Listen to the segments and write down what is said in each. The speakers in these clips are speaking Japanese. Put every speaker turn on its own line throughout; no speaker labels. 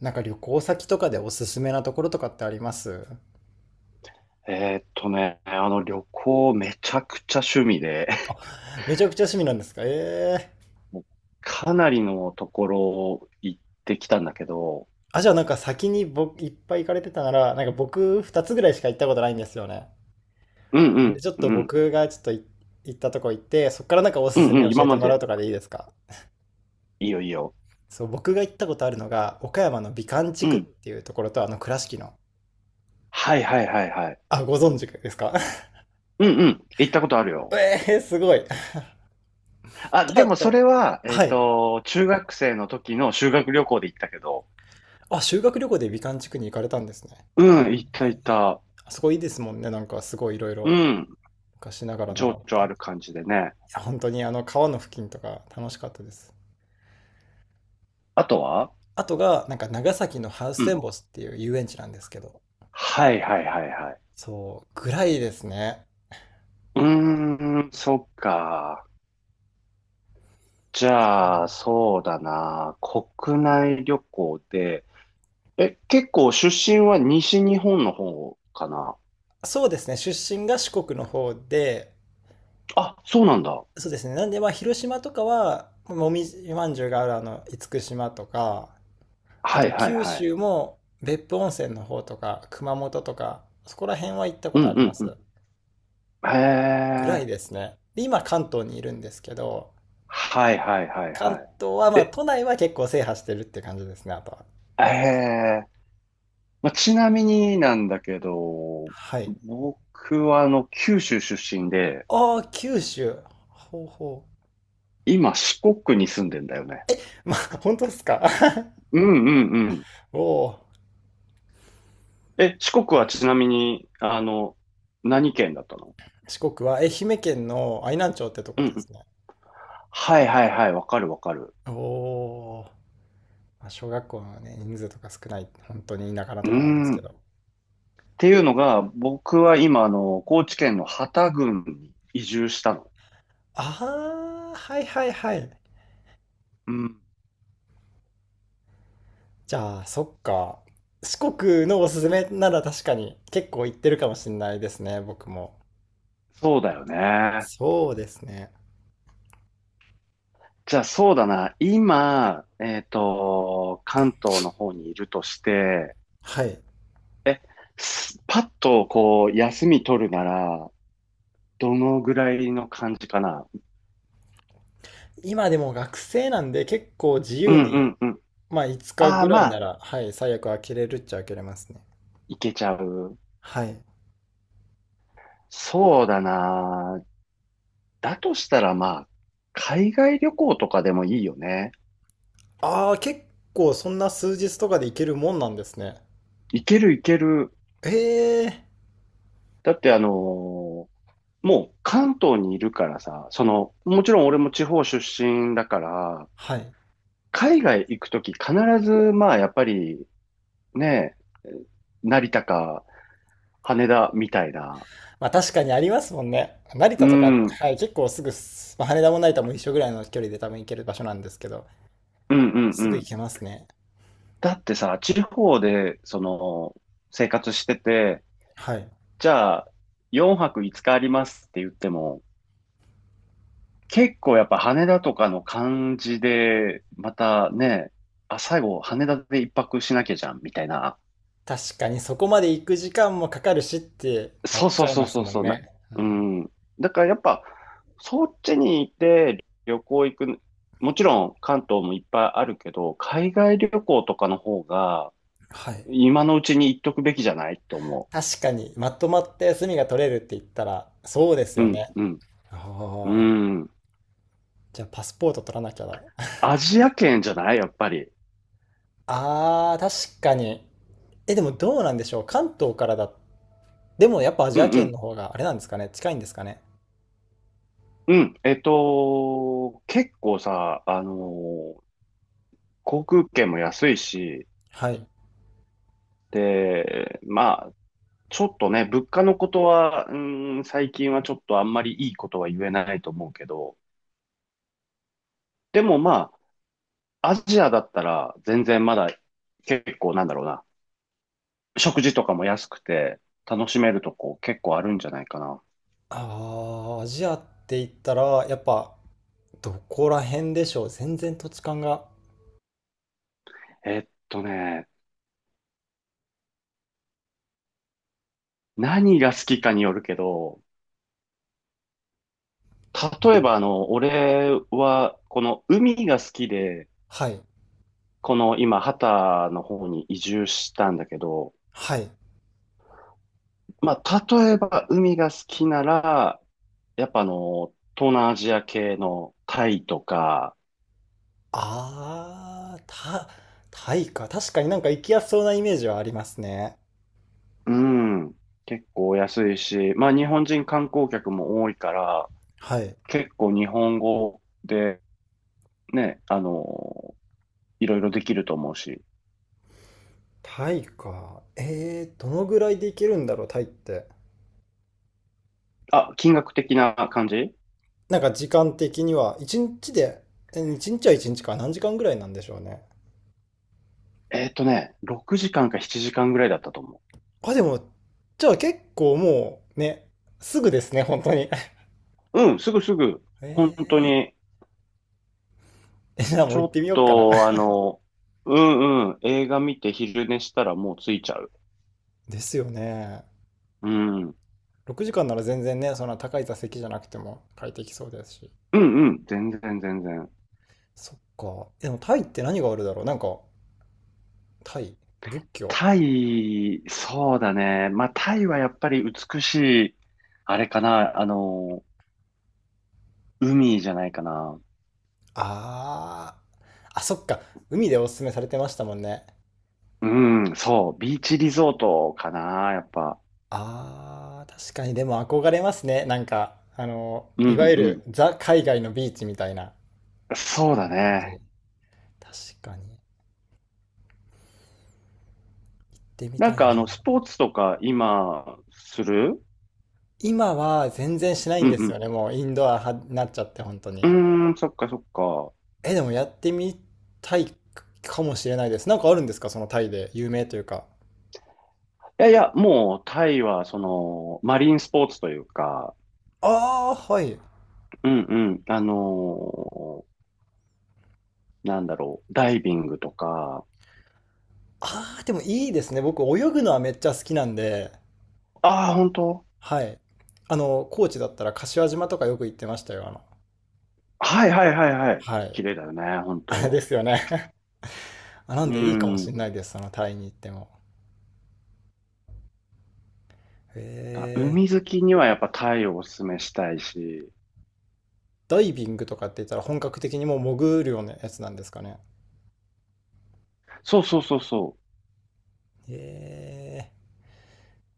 なんか旅行先とかでおすすめなところとかってあります？
旅行めちゃくちゃ趣味で、
めちゃくちゃ趣味なんですか？ええー。
もうかなりのところを行ってきたんだけど、
あ、じゃあなんか先に僕いっぱい行かれてたなら、なんか僕2つぐらいしか行ったことないんですよね。
うん
なんでちょっ
うん
と
うん、
僕がちょっと行ったとこ行って、そっからなんかお
う
す
ん
すめ
うん、
教
今
えて
ま
もらう
で、
とかでいいですか？
いいよいいよ。
そう、僕が行ったことあるのが、岡山の美観地
う
区っ
ん。
ていうところと、あの倉敷の。
はいはいはいはい。
あ、ご存知ですか？
うんうん、行ったことある よ。
ええー、すごい。
あ、
と、
で
あ
もそ
と、
れは、
はい。
中学生の時の修学旅行で行ったけど、
あ、修学旅行で美観地区に行かれたんですね。
うん、行った行
え
っ
ー
た。
あそこいいですもんね。なんかすごいいろい
う
ろ。
ん、
昔ながらのが
情
あっ
緒
て。
ある感じでね。
や、本当にあの川の付近とか楽しかったです。
あとは
あとが、なんか長崎のハウス
う
テ
ん。
ンボスっていう遊園地なんですけど、
はいはいはいはい。
そう、ぐらいですね。
うーん、そっか。じゃあ、そうだな。国内旅行で、え、結構出身は西日本の方かな？
そうですね、出身が四国の方で、
あ、そうなんだ。
そうですね、なんでまあ広島とかは、もみじまんじゅうがあるあの厳島とか、あ
はい
と
はい
九
はい。
州も別府温泉の方とか、熊本とか、そこら辺は行ったこ
う
とあ
ん
り
う
ま
んうん。
す。
へ
ぐらい
え。
ですね。で、今関東にいるんですけど、
はいはいはい
関
は
東は、
い。
まあ、
え、
都内は結構制覇してるって感じですね、あとは。
えへえ。まあ、ちなみになんだけど、
はい。
僕は九州出身で、
ああ、九州。ほうほ
今四国に住んでんだよね。
う。まあ、本当ですか？
うんうんうん。
おおー。
え、四国はちなみに、何県だったの？
四国は愛媛県の愛南町ってとこ
う
で
ん
すね。
はいはいはい、わかるわかる。
おお。まあ、小学校のね、人数とか少ない、本当に田舎な
う
と
ー
こなんです
ん。
けど。
っていうのが、僕は今、高知県の幡多郡に移住したの。
ああ、はいはいはい。
うん。
じゃあ、そっか。四国のおすすめなら確かに結構行ってるかもしれないですね、僕も。
そうだよね。
そうですね。
じゃあそうだな。今、関東の方にいるとして、
はい。
すパッとこう、休み取るなら、どのぐらいの感じかな？
今でも学生なんで結構自
う
由
んう
に、
んうん。
まあ5日
ああ、
ぐら
ま
いな
あ、
ら、はい、最悪開けれるっちゃ開けれますね。
いけちゃう。
はい。
そうだな。だとしたらまあ、海外旅行とかでもいいよね。
ああ、結構そんな数日とかで行けるもんなんですね。
いけるいける。
ええ、
だってもう関東にいるからさ、その、もちろん俺も地方出身だから、
はい。
海外行くとき必ず、まあやっぱりね、成田か羽田みたいな。
まあ確かにありますもんね。成
う
田とか、
ん、うん
はい、結構すぐ、まあ、羽田も成田も一緒ぐらいの距離で多分行ける場所なんですけど、
うん
す
う
ぐ行
ん。
けますね。
だってさ、地方で、その、生活してて、
はい。
じゃあ、4泊5日ありますって言っても、結構やっぱ羽田とかの感じで、またね、あ、最後羽田で一泊しなきゃじゃん、みたいな。
確かにそこまで行く時間もかかるしってな
そ
っ
う
ち
そう
ゃい
そう
ます
そう
もん
そう、な、
ね。う
う
ん、
ん。だからやっぱ、そっちにいて旅行行く、もちろん関東もいっぱいあるけど、海外旅行とかの方が、
はい。
今のうちに行っとくべきじゃないって思
確かに、まとまって休みが取れるって言ったら、そうです
う。う
よ
ん、
ね。
うん、
ああ。
うん。
じゃあ、パスポート取らなきゃだ。
アジア圏じゃないやっぱり。
ああ、確かに。え、でもどうなんでしょう。関東からだ。でもやっぱアジ
う
ア
ん、う
圏
ん、
の方があれなんですかね。近いんですかね。
うん。結構さ、航空券も安いし、
はい。
で、まあ、ちょっとね、物価のことは、最近はちょっとあんまりいいことは言えないと思うけど、でもまあ、アジアだったら全然まだ結構なんだろうな、食事とかも安くて楽しめるとこ結構あるんじゃないかな。
ああ、アジアって言ったら、やっぱどこら辺でしょう。全然土地勘が。
えっとね、何が好きかによるけど、例えば俺はこの海が好きで、
はい。
この今、ハタの方に移住したんだけど、
はい。
まあ、例えば海が好きなら、やっぱ東南アジア系のタイとか、
ああ、タイか。確かになんか行きやすそうなイメージはありますね。
うん、結構安いし、まあ日本人観光客も多いから、
はい。
結構日本語でね、いろいろできると思うし。
タイか。どのぐらいで行けるんだろう、タイって。
あ、金額的な感じ？
なんか時間的には、1日で、1日は1日か、何時間ぐらいなんでしょうね。
6時間か7時間ぐらいだったと思
あ、でも、じゃあ結構もう、ね、すぐですね、本当に。
う。うん、すぐすぐ、本当
え
に、
じゃあも
ち
う
ょ
行っ
っ
てみようかな。
と、うんうん、映画見て昼寝したらもう着いちゃう。
ですよね。
うん。
6時間なら全然ね、そんな高い座席じゃなくても快適そうですし。
うんうん。全然全然。
そっか。でもタイって何があるだろうなんか、タイ、仏教。
タイ、そうだね。まあ、タイはやっぱり美しい、あれかな、海じゃないかな。
あー、あ、そっか。海でおすすめされてましたもんね。
うん、そう。ビーチリゾートかな、やっぱ。
あー、確かにでも憧れますね。なんか、
う
い
ん
わゆ
うん。
るザ海外のビーチみたいな
そうだ
感じ。
ね。
確かに。行ってみ
な
た
ん
い
か
な。
スポーツとか今、する？
今は全然しない
う
んですよ
ん
ね。もうインドア派になっちゃって、本当
う
に。
ん。うーん、そっかそっか。
え、でもやってみたいかもしれないです。なんかあるんですか、そのタイで有名というか？
いやいや、もうタイはその、マリンスポーツというか、
あー、はい。
うんうん、なんだろう、ダイビングとか、
あー、でもいいですね。僕泳ぐのはめっちゃ好きなんで。
ああ、本当。
はい。あの、高知だったら柏島とかよく行ってましたよ。あの、
はいはいはいはい。
は
綺
い。
麗だよね、本
あれ
当。
ですよね。あ、な
う
んでいいかもしれ
ん。
ないです、そのタイに行っても。
だ
へ
海
え。
好きにはやっぱタイをおすすめしたいし。
ダイビングとかって言ったら本格的にもう潜るようなやつなんですかね。
そうそうそうそ
へえ。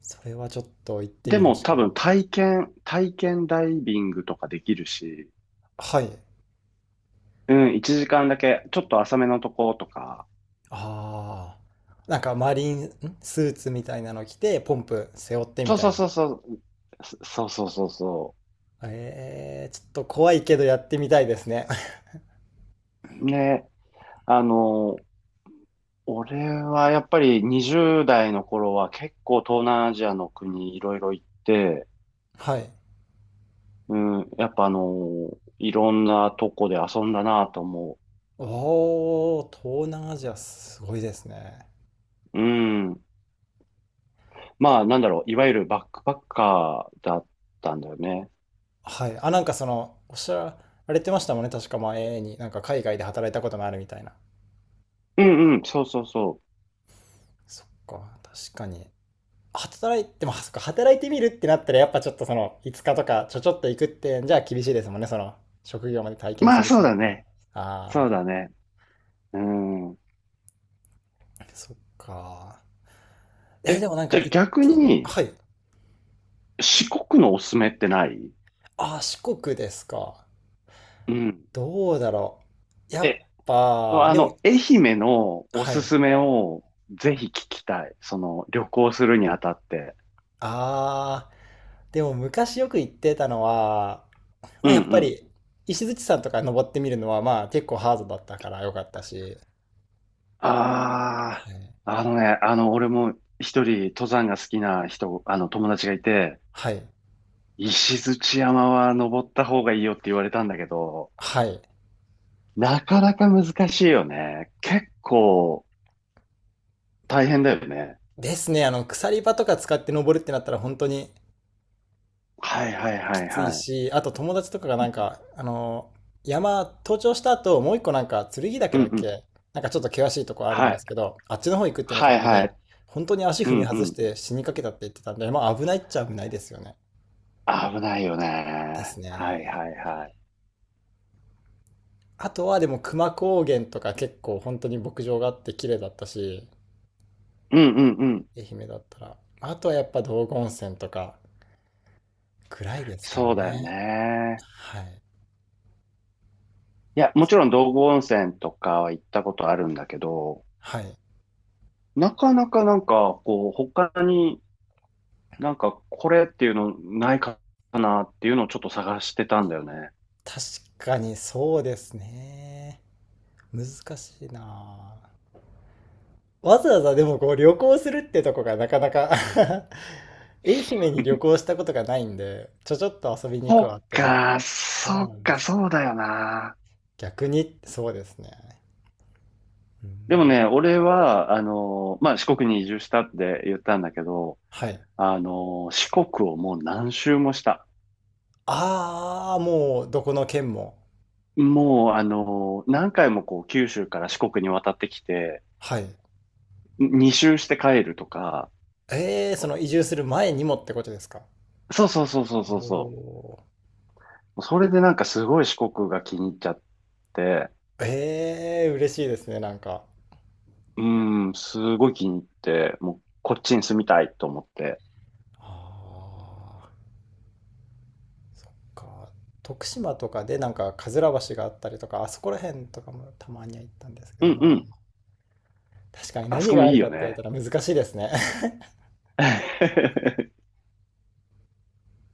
それはちょっと行っ
う。
て
で
みる
も
しか
多
な
分
い。
体験、体験ダイビングとかできるし。
はい。
うん、1時間だけ、ちょっと浅めのとことか。
ああ。なんかマリン、スーツみたいなの着て、ポンプ背負ってみ
そう
た
そ
い
う
な。
そうそう。そそうそうそうそ
ちょっと怖いけどやってみたいですね。
う。ね、あの、俺はやっぱり20代の頃は結構東南アジアの国いろいろ行って、
はい。
うん、やっぱいろんなとこで遊んだなと思
おー、東南アジアすごいですね。
う。うん。まあ、なんだろう、いわゆるバックパッカーだったんだよね。
はい。あ、なんかその、おっしゃられてましたもんね。確か前に、なんか海外で働いたこともあるみたいな。
うんうん、そうそうそ
そっか、確かに。働いて、まあ、そっか、働いてみるってなったら、やっぱちょっとその、5日とかちょっと行くって、じゃあ厳しいですもんね。その、職業まで体
う。
験
ま
す
あ、
るっ
そ
て
う
なっ
だ
たら。
ね。そう
あ
だね。うん。
あ、そっか。え、で
え、
もなんか
じゃあ
行っ
逆
て、
に、
はい。
四国のおすすめってない？
ああ、四国ですか。
うん。
どうだろう。やっ
え、
ぱ、でも、
愛媛のお
は
す
い。
すめをぜひ聞きたい。その、旅行するにあたって。
ああ、でも昔よく行ってたのは、
う
ま
ん
あ、やっ
う
ぱ
ん、
り石鎚山とか登ってみるのはまあ結構ハードだったから良かったし、
ああ、あのね、俺も一人登山が好きな人、友達がいて、
はい、
石鎚山は登った方がいいよって言われたんだけど、
はい。
なかなか難しいよね。結構大変だよね。
ですね、あの鎖場とか使って登るってなったら本当に
はいはい
き
はい
つい
はい。
し、あと友達とかがなんか、山登頂した後もう一個なんか剣岳
うん
だっ
うん。
け、なんかちょっと険しいとこあるん
は
です
い。
けど、あっちの方行くってなった
はい
時
は
に、
い。
本当に足
う
踏み
んう
外し
ん。
て死にかけたって言ってたんで、まあ危ないっちゃ危ないですよね。
危ないよね。
です
は
ね。
いはいはい。
あとはでも熊高原とか結構本当に牧場があって綺麗だったし、
うんうんうん。
愛媛だったら。あとはやっぱ道後温泉とかぐらいですか
そうだよ
ね。
ね。
はい。
いや、もちろん道後温泉とかは行ったことあるんだけど、
はい。
なかなかなんか、こう、他になんかこれっていうのないかなっていうのをちょっと探してたんだよね。
確かにそうですね。難しいなあ。わざわざでもこう旅行するってとこがなかなか。 愛媛に旅行したことがないんで、ちょっと遊びに行くわ
そ
っ
っ
ても。
か、
そ
そ
う
っ
なんで
か、
す。
そうだよな。
逆に、そうですね。う
でも
ん、
ね、俺は、まあ、四国に移住したって言ったんだけど、
はい。
四国をもう何周もした。
ああ、もうどこの県も。
もう、何回もこう、九州から四国に渡ってきて、
はい。
2周して帰るとか、
ええ、その移住する前にもってことですか？
そうそうそうそうそう
お
そ
お。
う。それでなんかすごい四国が気に入っちゃって、
ええ、嬉しいですね、なんか。
うーん、すごい気に入って、もうこっちに住みたいと思って。
ああ、そっか。徳島とかでなんか、かずら橋があったりとか、あそこら辺とかもたまには行ったんですけ
う
ど、
んう
まあ、
ん、
確かに
あそ
何
こも
があ
い
る
い
か
よ
って言われ
ね。
たら難しいですね。